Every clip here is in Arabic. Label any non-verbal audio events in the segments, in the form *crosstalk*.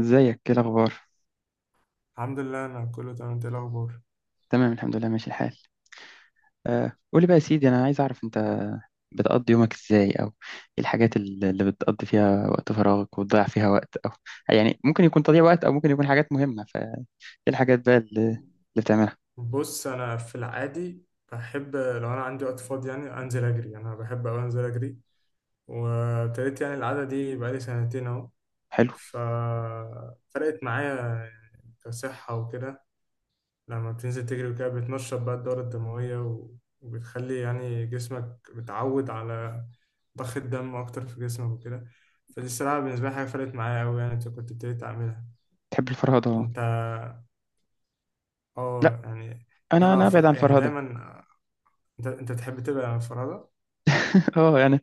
ازيك، ايه الاخبار؟ الحمد لله، كله تمام. انت إيه الاخبار؟ تمام، الحمد لله ماشي الحال. آه قولي بقى يا سيدي، انا عايز اعرف انت بتقضي يومك ازاي، او ايه الحاجات اللي بتقضي فيها وقت فراغك وتضيع فيها وقت، او يعني ممكن يكون تضييع وقت او ممكن يكون حاجات مهمة؟ فايه الحاجات بقى اللي بتعملها؟ بص انا في العادي بحب لو انا عندي وقت فاضي يعني انزل اجري. انا بحب اوي انزل اجري. وابتديت يعني العاده دي بقالي سنتين اهو. حلو. ففرقت معايا كصحه وكده. لما بتنزل تجري وكده بتنشط بقى الدوره الدمويه وبتخلي يعني جسمك بتعود على ضخ الدم اكتر في جسمك وكده. فدي الصراحه بالنسبه لي حاجه فرقت معايا قوي يعني. أنت كنت ابتديت اعملها؟ تحب الفرهدة؟ انت لا، اه يعني. إن انا انا ابعد عن يعني الفرهدة. دايما. انت بتحب تبقى فرادة؟ *laughs* اه يعني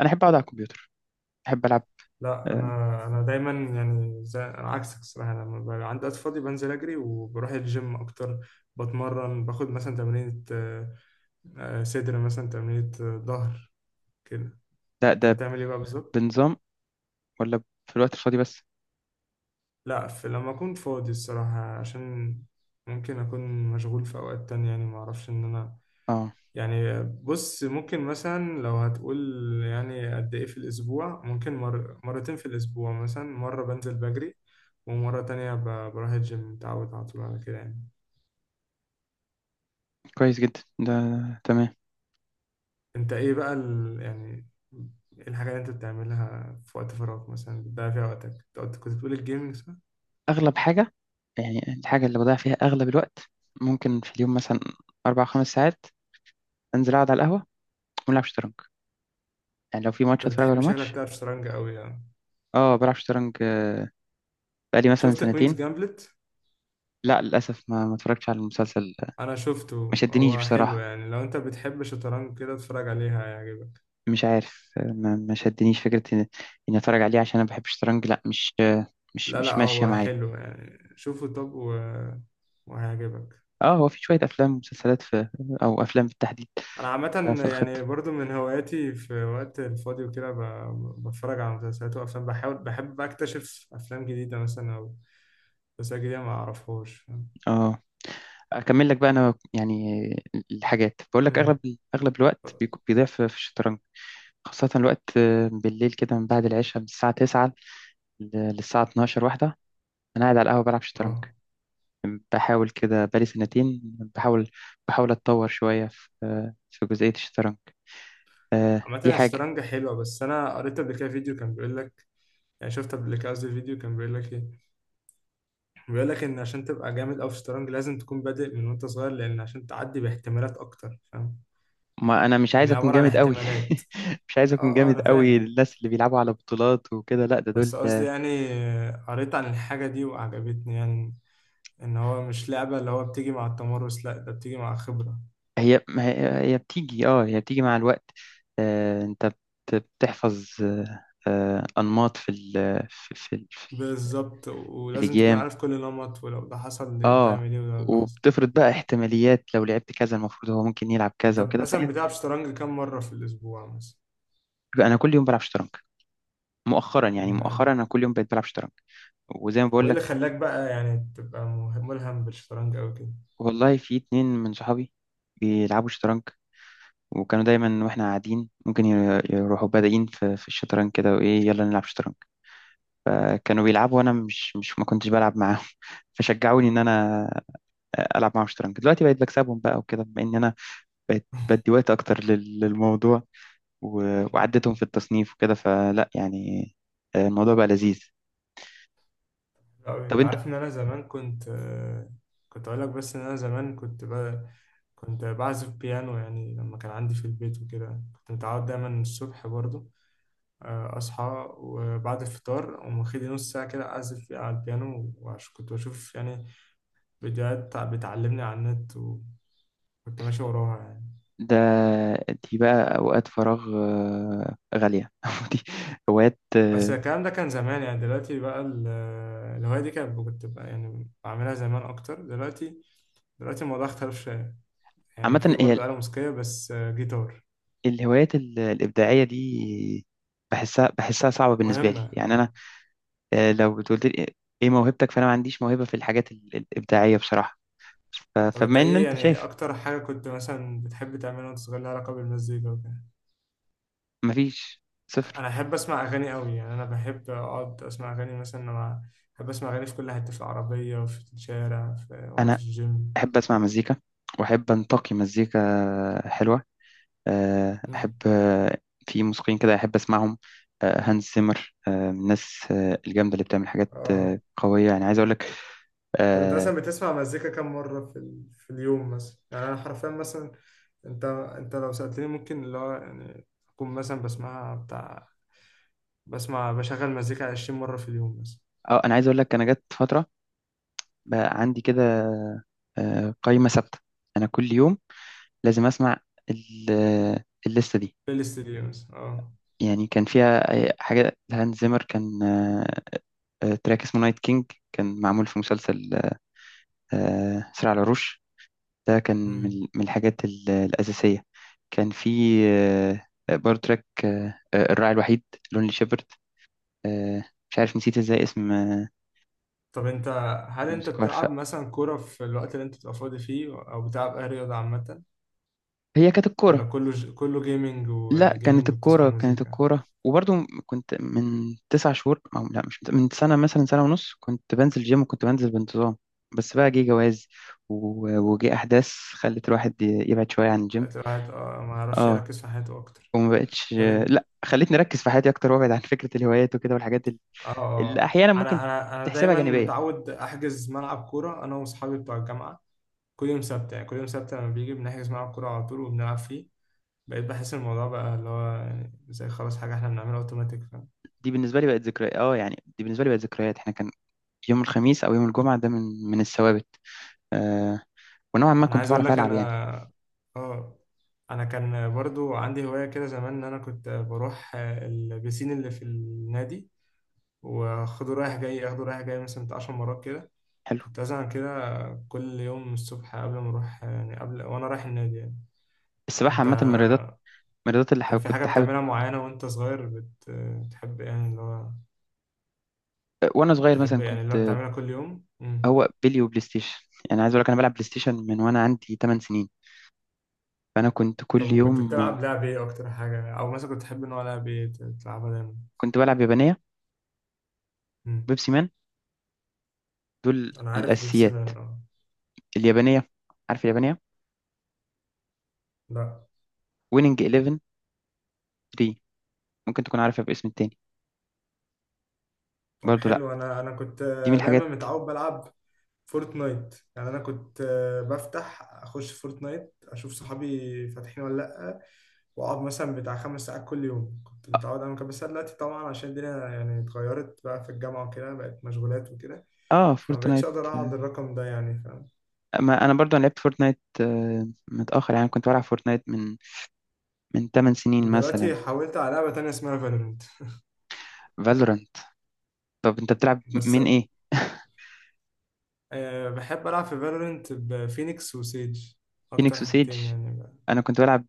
انا احب اقعد على الكمبيوتر، احب العب. لا، آه. انا دايما يعني زي انا عكسك الصراحه. لما بقى عندي وقت فاضي بنزل اجري وبروح الجيم اكتر. بتمرن، باخد مثلا تمرينة صدر، مثلا تمرينة ظهر كده. ده انت ده بتعمل ايه بقى بالظبط؟ بنظام ولا في الوقت الفاضي بس؟ لا، في لما اكون فاضي الصراحه، عشان ممكن اكون مشغول في اوقات تانية يعني، ما اعرفش ان انا. اه. يعني بص ممكن مثلا لو هتقول يعني قد ايه في الاسبوع، ممكن مرتين في الاسبوع، مثلا مرة بنزل بجري ومرة تانية بروح الجيم. متعود على طول على كده يعني. كويس جدا ده، تمام. انت ايه بقى يعني إيه الحاجة اللي انت بتعملها في وقت فراغك مثلا بتضيع فيها وقتك؟ انت كنت بتقول الجيمنج، صح؟ أغلب حاجة، يعني الحاجة اللي بضيع فيها أغلب الوقت، ممكن في اليوم مثلا أربع خمس ساعات أنزل أقعد على القهوة ونلعب شطرنج، يعني لو في ماتش انت أتفرج على بتحب شكلك ماتش. تعرف شطرنج قوي يعني. أه بلعب شطرنج بقالي مثلا شفت كوينز سنتين. جامبلت؟ لا للأسف ما اتفرجتش على المسلسل، انا شفته. ما شدنيش هو حلو بصراحة. يعني، لو انت بتحب شطرنج كده اتفرج عليها، هيعجبك. مش عارف ما شدنيش فكرة إني أتفرج عليه عشان أنا بحب الشطرنج، لا مش مش لا لا، مش ماشية هو معايا. حلو يعني، شوفه. وهيعجبك. أه هو في شوية أفلام ومسلسلات في، أو أفلام بالتحديد انا عامة في الخطة. يعني برضو من هواياتي في وقت الفاضي وكده بتفرج على مسلسلات وافلام، بحاول بحب بقى اكتشف افلام جديدة مثلا او مسلسلات جديدة ما اعرفهاش، فاهم؟ أه اكمل لك بقى انا يعني الحاجات، بقول لك مم. اغلب الوقت بيضيع في الشطرنج، خاصة الوقت بالليل كده من بعد العشاء، من الساعة 9 للساعة 12 واحدة أنا قاعد على القهوة بلعب شطرنج. اه بحاول كده بقالي سنتين، بحاول بحاول أتطور شوية في في جزئية الشطرنج، دي عامة حاجة. الشطرنج حلوة، بس أنا قريت قبل كده فيديو كان بيقول لك، يعني شفت قبل كده، قصدي فيديو كان بيقول لك إيه، بيقول لك إن عشان تبقى جامد أوي في الشطرنج لازم تكون بادئ من وأنت صغير، لأن عشان تعدي باحتمالات أكتر، فاهم؟ ما أنا مش عايز يعني أكون عبارة عن جامد قوي. احتمالات. *laughs* مش عايز أكون اه اه، جامد أنا قوي فاهم. للناس اللي بيلعبوا على بطولات وكده، لا ده دول. بس قصدي يعني قريت عن الحاجة دي وعجبتني يعني. إن هو مش لعبة اللي هو بتيجي مع التمرس، لأ ده بتيجي مع خبرة. هي ما هي هي بتيجي، اه هي بتيجي مع الوقت. آه انت بتحفظ انماط في في في, ال- بالظبط، في ولازم تكون الاجيام. عارف كل نمط، ولو ده حصل اه تعمل إيه، ولو ده حصل تعمل وبتفرض إيه. بقى احتماليات لو لعبت كذا المفروض هو ممكن يلعب أنت كذا وكده مثلا فهي. بتلعب شطرنج كام مرة في الأسبوع مثلا؟ بقى انا كل يوم بلعب شطرنج، مؤخرا يعني، مؤخرا مم. انا كل يوم بقيت بلعب شطرنج، وزي ما طب بقول وإيه اللي لك. خلاك بقى يعني تبقى ملهم بالشطرنج أوي كده؟ والله في اتنين من صحابي بيلعبوا شطرنج، وكانوا دايما واحنا قاعدين ممكن يروحوا بادئين في الشطرنج كده وايه يلا نلعب شطرنج. كانوا بيلعبوا وانا مش مش ما كنتش بلعب معاهم، *laughs* فشجعوني ان انا العب معاهم شطرنج. دلوقتي بقيت بكسبهم بقى وكده، بما ان انا بقيت بدي وقت اكتر للموضوع، وعدتهم في التصنيف وكده، فلا يعني الموضوع بقى لذيذ. أوي. طب انت انت؟ عارف ان انا زمان كنت كنت اقول لك، بس ان انا زمان كنت بعزف بيانو يعني. لما كان عندي في البيت وكده كنت متعود دايما الصبح برضو اصحى وبعد الفطار اقوم واخد نص ساعه كده اعزف فيها على البيانو، وعش كنت بشوف يعني فيديوهات بتعلمني على النت وكنت ماشي وراها يعني. ده دي بقى اوقات فراغ غالية، *laughs* دي هوايات بس الكلام ده كان زمان يعني، دلوقتي بقى الهوايه دي كانت، كنت بقى يعني بعملها زمان اكتر. دلوقتي، دلوقتي الموضوع اختلف شويه. يعني في عامة. هي برضه آلة موسيقية بس جيتار. الهوايات الإبداعية دي بحسها صعبة بالنسبة لي، مهمة. يعني أنا لو تقول لي إيه موهبتك، فانا ما عنديش موهبه في الحاجات الابداعيه بصراحه. طب انت فبما ان ايه انت يعني شايف، اكتر حاجة كنت مثلا بتحب تعملها وانت صغير لها علاقة بالمزيكا وكده؟ مفيش صفر. انا احب اسمع اغاني قوي يعني، انا بحب اقعد اسمع اغاني مثلا لما، بحب اسمع اغاني في كل حتة، في العربية وفي الشارع وانا انا في الجيم. احب اسمع مزيكا، واحب انتقي مزيكا حلوه، آه، مم. احب آه، في موسيقيين كده احب اسمعهم، هانز زيمر من الناس الجامده اللي بتعمل حاجات اه. قويه، يعني عايز اقول لك. طب انت اه مثلا بتسمع مزيكا كم مرة في اليوم مثلا؟ يعني انا حرفيا مثلا، انت لو سألتني ممكن اللي هو يعني اكون مثلا بسمعها بتاع، بسمع بشغل مزيكا 20 مرة في اليوم مثلا. انا عايز اقول لك انا جت فتره بقى عندي كده قائمه ثابته، انا كل يوم لازم اسمع الليسته دي. بلاي ليست دي مثلا اه. يعني كان فيها حاجة لهانز زيمر، كان تراك اسمه نايت كينج، كان معمول في مسلسل صراع العروش، ده كان مم. من الحاجات الأساسية. كان في آه، برضه تراك الراعي الوحيد، لونلي شيبرد، آه، مش عارف نسيت ازاي اسم طب انت، هل انت الموسيقار. فهي بتلعب مثلا كورة في الوقت اللي انت بتبقى فاضي فيه، او بتلعب اي رياضة عامة، كانت الكورة، ولا كله كله جيمنج لا كانت وجيمنج وبتسمع الكورة، كانت مزيكا؟ الكورة وبرضو كنت من تسع شهور، أو لا مش من سنة، مثلا سنة ونص كنت بنزل جيم وكنت بنزل بانتظام، بس بقى جه جواز وجه أحداث خلت الواحد يبعد شوية عن الجيم. خلت الواحد اه ما يعرفش اه يركز في حياته اكتر. وما بقتش. طب انت لا خلتني أركز في حياتي أكتر وأبعد عن فكرة الهوايات وكده والحاجات اه اه اللي آه. أحيانا ممكن انا تحسبها دايما جانبية. متعود احجز ملعب كورة انا واصحابي بتوع الجامعة، كل يوم سبت يعني، كل يوم سبت لما بيجي بنحجز ملعب كورة على طول وبنلعب فيه. بقيت بحس الموضوع بقى اللي هو يعني زي خلاص حاجة احنا بنعملها اوتوماتيك. دي بالنسبة لي بقت ذكريات، اه يعني دي بالنسبة لي بقت ذكريات، احنا كان يوم الخميس أو يوم الجمعة ده من الثوابت، آه، ونوعا ما انا كنت عايز اقول بعرف لك ألعب انا، يعني. اه، انا كان برضو عندي هواية كده زمان ان انا كنت بروح البسين اللي في النادي، واخده رايح جاي، اخده رايح جاي مثلا بتاع 10 مرات كده. حلو. كنت ازعل كده كل يوم الصبح قبل ما اروح يعني قبل وانا رايح النادي يعني. السباحة انت عامة من الرياضات، الرياضات اللي كان في حاجة كنت حابب. بتعملها معينة وانت صغير بتحب يعني اللي هو، وانا صغير تحب مثلا يعني اللي هو كنت، بتعملها كل يوم؟ مم. هو بيلي وبلاي ستيشن، يعني عايز اقول لك انا بلعب بلاي ستيشن من وانا عندي 8 سنين، فانا كنت طب كل وكنت يوم. بتلعب لعب ايه اكتر حاجة، او مثلا كنت تحب نوع لعب ايه بتلعبها دايما؟ كنت بلعب يابانيه، مم. بيبسي مان، دول انا عارف بيبسي الاساسيات. مان اه. اليابانيه، عارف اليابانيه؟ لا. ويننج 11 3، ممكن تكون عارفها باسم التاني. طب برضو لا، حلو. انا انا كنت دي من دايما الحاجات. متعود بلعب فورتنايت، يعني انا كنت بفتح اخش فورتنايت اشوف صحابي فاتحين ولا لا، واقعد مثلا بتاع خمس ساعات كل يوم. كنت متعود اعمل كده، بس أنا دلوقتي طبعا عشان الدنيا يعني اتغيرت بقى في الجامعه وكده بقت مشغولات وكده اه فما بقتش فورتنايت. اقدر اقعد الرقم ده يعني، فاهم؟ ما انا برضو أنا لعبت فورتنايت متاخر، يعني كنت بلعب فورتنايت من 8 سنين مثلا. دلوقتي حاولت على لعبه تانية اسمها فالورنت فالورانت. طب انت بتلعب بس. من ايه؟ أه بحب العب في فالورنت بفينيكس وسيج، فينيكس اكتر وسيج، حاجتين يعني بقى. انا كنت بلعب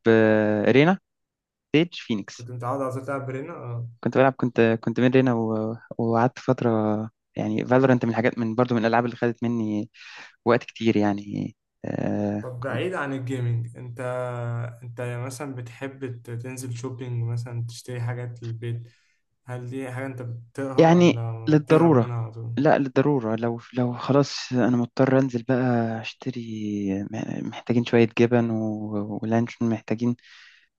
بيج فينيكس، كنت متعود على طول العب برينا. كنت بلعب كنت كنت من رينا، وقعدت فترة، يعني فالورنت من الحاجات، من برضو من الألعاب اللي خدت مني وقت كتير يعني. آه طب بعيد عن الجيمنج انت، انت مثلا بتحب تنزل شوبينج مثلا تشتري حاجات للبيت؟ هل دي حاجة انت بتطيقها يعني ولا بتهرب للضرورة، منها على طول؟ لا للضرورة، لو خلاص أنا مضطر أنزل بقى أشتري، محتاجين شوية جبن ولانشون، محتاجين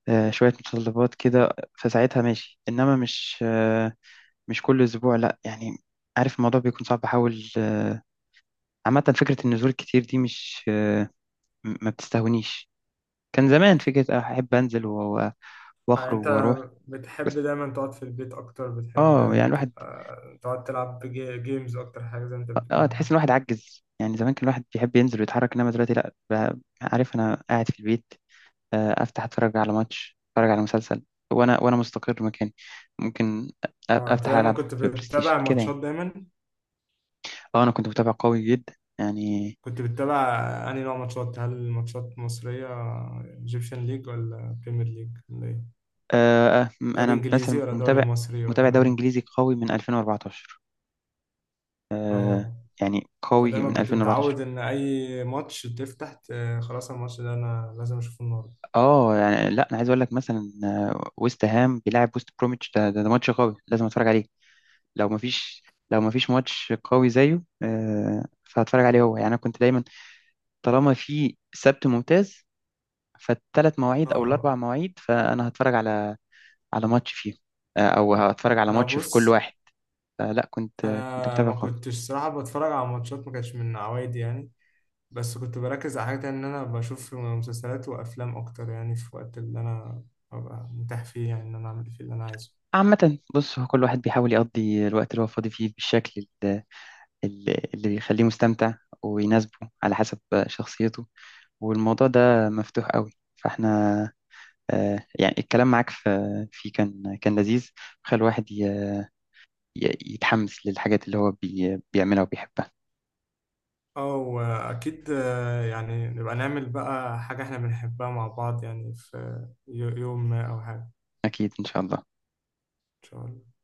شوية متطلبات كده، فساعتها ماشي، إنما مش مش كل أسبوع لا يعني. عارف الموضوع بيكون صعب، بحاول عامة فكرة النزول الكتير دي مش ما بتستهونيش. كان زمان فكرة أحب أنزل وأخرج انت وأروح، بتحب بس دايما تقعد في البيت اكتر، بتحب آه يعني الواحد تبقى تقعد تلعب جيمز اكتر حاجة زي ما انت بتقول يعني؟ تحس إن الواحد عجز، يعني زمان كان الواحد بيحب ينزل ويتحرك، إنما دلوقتي لأ، عارف أنا قاعد في البيت أفتح أتفرج على ماتش، أتفرج على مسلسل وأنا مستقر مكاني، ممكن اه. انت أفتح دايما ألعب كنت بلاي ستيشن بتتابع كده ماتشات يعني. دايما، آه أنا كنت متابع قوي جدا يعني. كنت بتتابع انهي نوع ماتشات؟ هل ماتشات مصرية، ايجيبشن ليج، ولا بريمير ليج، ولا ايه؟ دوري أنا انجليزي مثلا ولا دوري مصري متابع ولا؟ دوري إنجليزي قوي من 2014، اه. يعني قوي فدايما من كنت 2014. متعود ان اي ماتش تفتح خلاص الماتش ده انا لازم اشوفه النهارده. اه يعني لا انا عايز اقول لك مثلا ويست هام بيلعب ويست بروميتش، ده ماتش قوي لازم اتفرج عليه. لو ما فيش لو ما فيش ماتش قوي زيه فهتفرج عليه هو، يعني انا كنت دايما طالما في سبت ممتاز فالثلاث مواعيد او الاربع اه. مواعيد فانا هتفرج على ماتش فيهم او هتفرج على انا ماتش في كل بص، واحد، فلا كنت انا متابع ما قوي. كنتش صراحه بتفرج على ماتشات، ما كانش من عوايدي يعني. بس كنت بركز على حاجه تانية ان انا بشوف مسلسلات وافلام اكتر، يعني في الوقت اللي انا ببقى متاح فيه يعني ان انا اعمل فيه اللي انا عايزه. عامة بص، هو كل واحد بيحاول يقضي الوقت اللي هو فاضي فيه بالشكل اللي يخليه مستمتع ويناسبه على حسب شخصيته، والموضوع ده مفتوح قوي. فاحنا يعني الكلام معاك في فيه كان لذيذ، خلى الواحد يتحمس للحاجات اللي هو بيعملها وبيحبها. اه واكيد يعني نبقى نعمل بقى حاجه احنا بنحبها مع بعض يعني، في يوم ما او حاجه. أكيد إن شاء الله. ان شاء الله.